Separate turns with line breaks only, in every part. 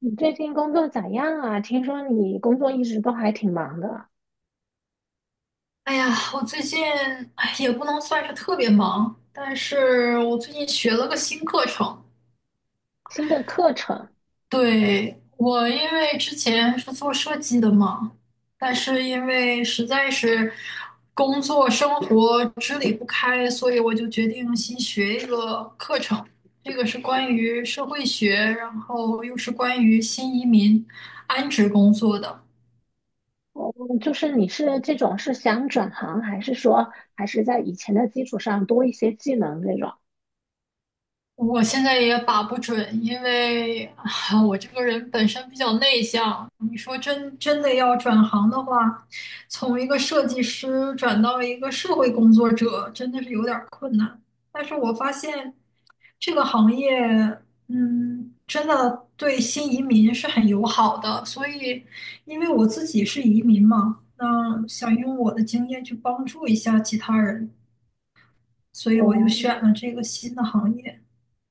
你最近工作咋样啊？听说你工作一直都还挺忙的。
哎呀，我最近也不能算是特别忙，但是我最近学了个新课程。
新的课程，
对，我因为之前是做设计的嘛，但是因为实在是工作生活支离不开，所以我就决定新学一个课程。这个是关于社会学，然后又是关于新移民安置工作的。
哦，就是你是这种是想转行，还是说还是在以前的基础上多一些技能这种？
我现在也把不准，因为啊，我这个人本身比较内向。你说真的要转行的话，从一个设计师转到一个社会工作者，真的是有点儿困难。但是我发现这个行业，真的对新移民是很友好的。所以，因为我自己是移民嘛，那想用我的经验去帮助一下其他人，所以我就
哦，
选了这个新的行业。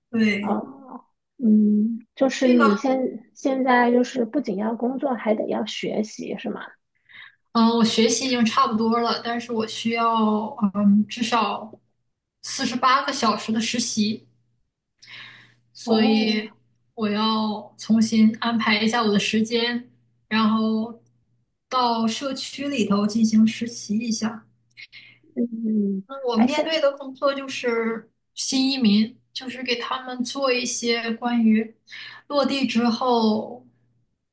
对。
哦，嗯，就是
这个，
你现在就是不仅要工作，还得要学习，是吗？
嗯，我学习已经差不多了，但是我需要，至少48个小时的实习，所以
哦，
我要重新安排一下我的时间，然后到社区里头进行实习一下。
嗯，
那我
而
面
且
对的工作就是新移民，就是给他们做一些关于落地之后，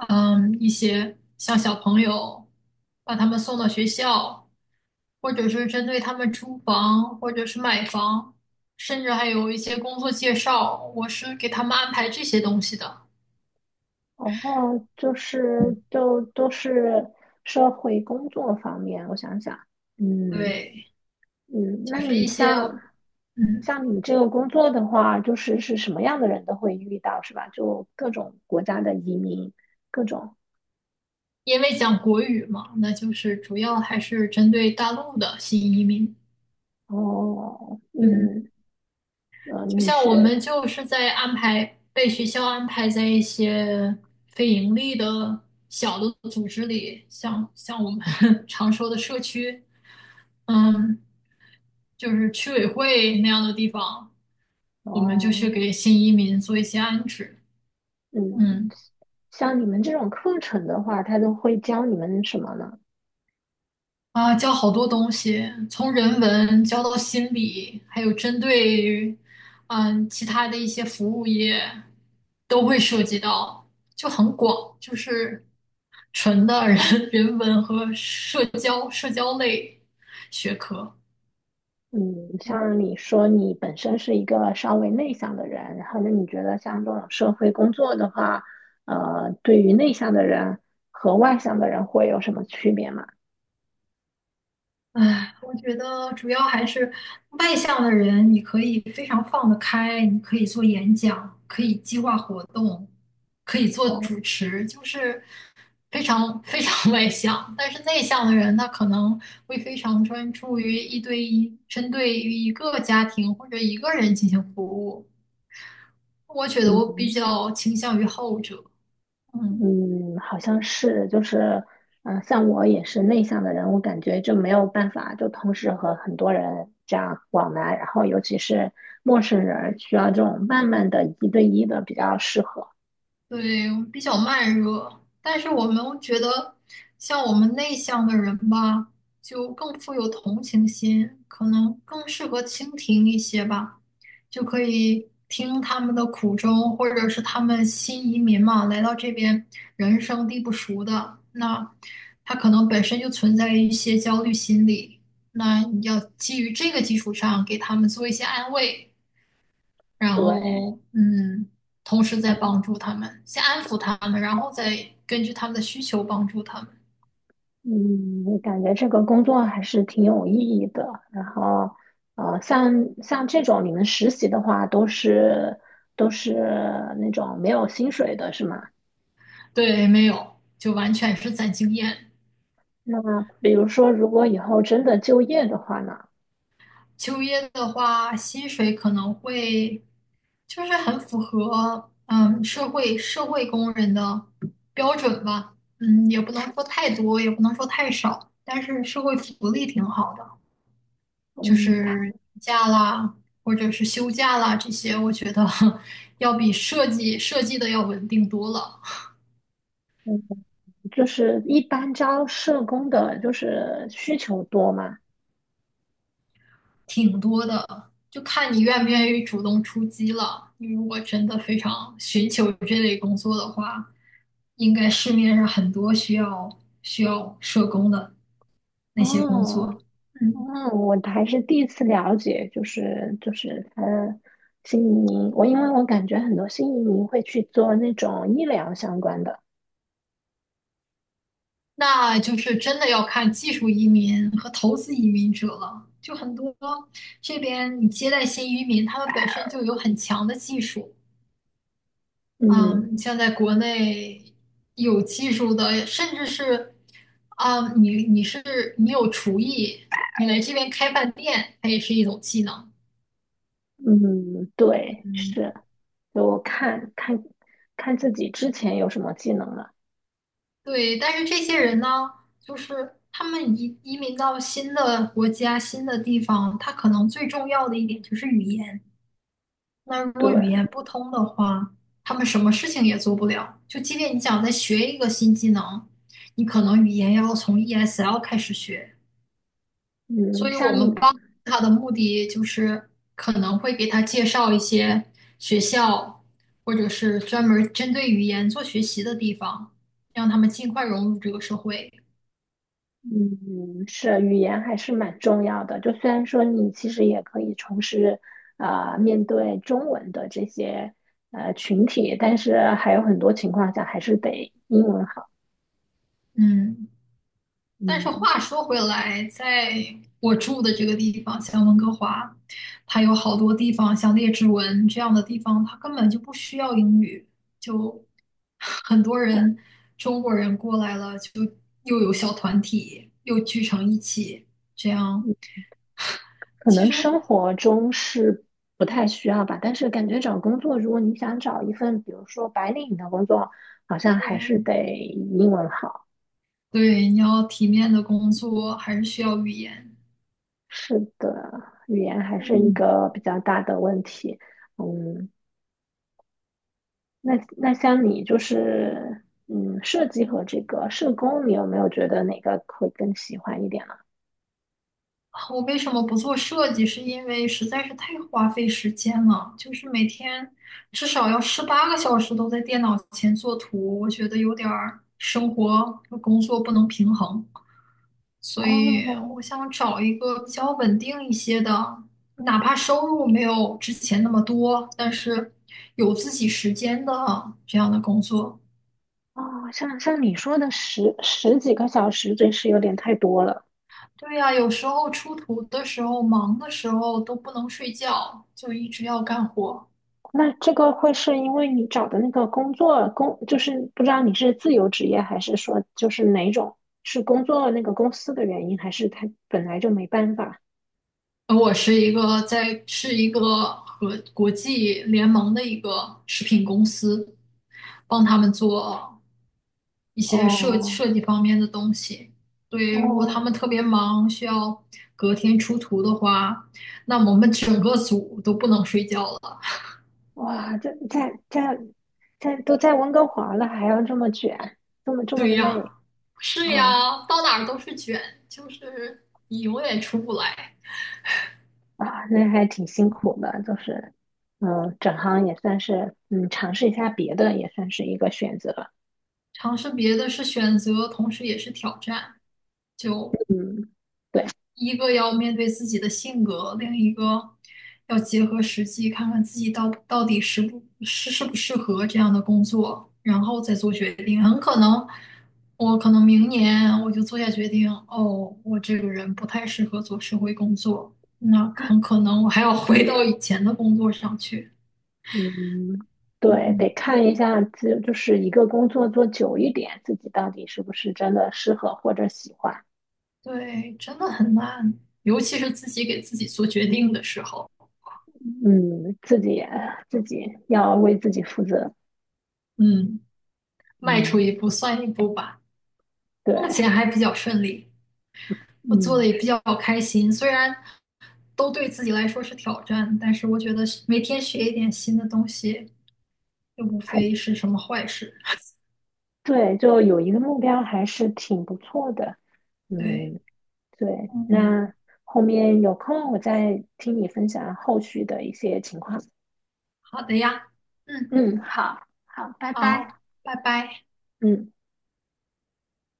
一些像小朋友，把他们送到学校。或者是针对他们租房，或者是买房，甚至还有一些工作介绍，我是给他们安排这些东西的。
哦，就是就都是社会工作方面，我想想，嗯
对，
嗯，
就
那
是
你
一些，
像
嗯，
像你这个工作的话，就是什么样的人都会遇到，是吧？就各种国家的移民，各种
因为讲国语嘛，那就是主要还是针对大陆的新移民。
哦，
嗯。
嗯
就
你
像我
是
们就是在安排，被学校安排在一些非盈利的小的组织里，像我们 常说的社区，嗯，就是区委会那样的地方，我们就去
哦，
给新移民做一些安置，
嗯。
嗯。
像你们这种课程的话，他都会教你们什么呢？
啊，教好多东西，从人文教到心理，还有针对于其他的一些服务业都会涉及到，就很广，就是纯的人 人文和社交类学科。
嗯，像你说你本身是一个稍微内向的人，然后那你觉得像这种社会工作的话，对于内向的人和外向的人会有什么区别吗？
唉，我觉得主要还是外向的人，你可以非常放得开，你可以做演讲，可以计划活动，可以做
哦，
主持，就是非常非常 外向。但是内向的人，他可能会非常专注于一对一，针对于一个家庭或者一个人进行服务。我觉得我
嗯
比较倾向于后者。嗯。
嗯，好像是，就是，嗯、像我也是内向的人，我感觉就没有办法就同时和很多人这样往来，然后尤其是陌生人，需要这种慢慢的一对一的比较适合。
对，比较慢热，但是我们觉得，像我们内向的人吧，就更富有同情心，可能更适合倾听一些吧，就可以听他们的苦衷，或者是他们新移民嘛，来到这边人生地不熟的，那他可能本身就存在一些焦虑心理，那你要基于这个基础上给他们做一些安慰。然
对，
后同时在帮助他们，先安抚他们，然后再根据他们的需求帮助他们。
嗯，我感觉这个工作还是挺有意义的。然后，呃，像像这种你们实习的话，都是那种没有薪水的，是吗？
对，没有，就完全是攒经验。
那比如说，如果以后真的就业的话呢，
秋叶的话，薪水可能会就是很符合社会工人的标准吧，也不能说太多，也不能说太少，但是社会福利挺好的。就
嗯，
是假啦，或者是休假啦这些，我觉得 要比设计的要稳定多了，
就是一般招社工的，就是需求多吗？
挺多的。就看你愿不愿意主动出击了。你如果真的非常寻求这类工作的话，应该市面上很多需要社工的那些工
哦，
作。嗯。
嗯，我还是第一次了解，就是他新移民，因为我感觉很多新移民会去做那种医疗相关的，
那就是真的要看技术移民和投资移民者了。就很多这边你接待新移民，他们本身就有很强的技术。
嗯
嗯，像在国内有技术的，甚至是你是你有厨艺，你来这边开饭店，它也是一种技能。
嗯，对，
嗯，
是，就我看看自己之前有什么技能了，
对。但是这些人呢，就是他们移民到新的国家、新的地方，他可能最重要的一点就是语言。那如果
对，
语言不通的话，他们什么事情也做不了。就即便你想再学一个新技能，你可能语言要从 ESL 开始学。
嗯，
所以我们帮他的目的就是可能会给他介绍一些学校，或者是专门针对语言做学习的地方，让他们尽快融入这个社会。
是语言还是蛮重要的，就虽然说你其实也可以从事啊面对中文的这些。群体，但是还有很多情况下还是得英文好。
嗯。但是
嗯，
话说回来，在我住的这个地方，像温哥华，它有好多地方，像列治文这样的地方，它根本就不需要英语，就很多人中国人过来了，就又有小团体，又聚成一起，这样
可
其
能
实。
生活中是不太需要吧，但是感觉找工作，如果你想找一份，比如说白领的工作，好像还是
对
得英文好。
对，你要体面的工作，还是需要语言。
是的，语言还是一
嗯。
个比较大的问题。嗯，那像你就是，嗯，设计和这个社工，你有没有觉得哪个会更喜欢一点呢？
啊，我为什么不做设计？是因为实在是太花费时间了，就是每天至少要十八个小时都在电脑前做图，我觉得有点儿生活和工作不能平衡，所以
哦
我想找一个比较稳定一些的，哪怕收入没有之前那么多，但是有自己时间的这样的工作。
哦，像你说的十几个小时，真是有点太多了。
对呀，有时候出图的时候，忙的时候都不能睡觉，就一直要干活。
那这个会是因为你找的那个工作，就是不知道你是自由职业还是说就是哪种，是工作那个公司的原因，还是他本来就没办法？
我是一个和国际联盟的一个食品公司，帮他们做一些设
哦
设计方面的东西。对，如果他
哦，
们特别忙，需要隔天出图的话，那我们整个组都不能睡觉了。
哇，这在都在温哥华了，还要这么卷，这么
对呀，
累
是
啊
呀，到哪儿都是卷，就是你永远出不来。
啊，那还挺辛苦的，就是整行也算是尝试一下别的也算是一个选择。
尝试别的是选择，同时也是挑战，就
嗯。
一个要面对自己的性格，另一个要结合实际，看看自己到底适不适合这样的工作，然后再做决定。很可能，我可能明年我就做下决定，哦，我这个人不太适合做社会工作，那很可能我还要回到以前的工作上去。
嗯，对，
嗯，
得看一下，是一个工作做久一点，自己到底是不是真的适合或者喜欢。
对，真的很难，尤其是自己给自己做决定的时候，
嗯，自己要为自己负责。
嗯，迈出
嗯，
一步算一步吧。
对，
目前还比较顺利。我做的
嗯，
也比较开心，虽然都对自己来说是挑战，但是我觉得每天学一点新的东西，又无
还
非是什么坏事。
对，就有一个目标还是挺不错的。
对，
嗯，对，
嗯，
那后面有空我再听你分享后续的一些情况。
好的呀，嗯，
嗯，好，好，拜拜。
好，拜拜。
嗯。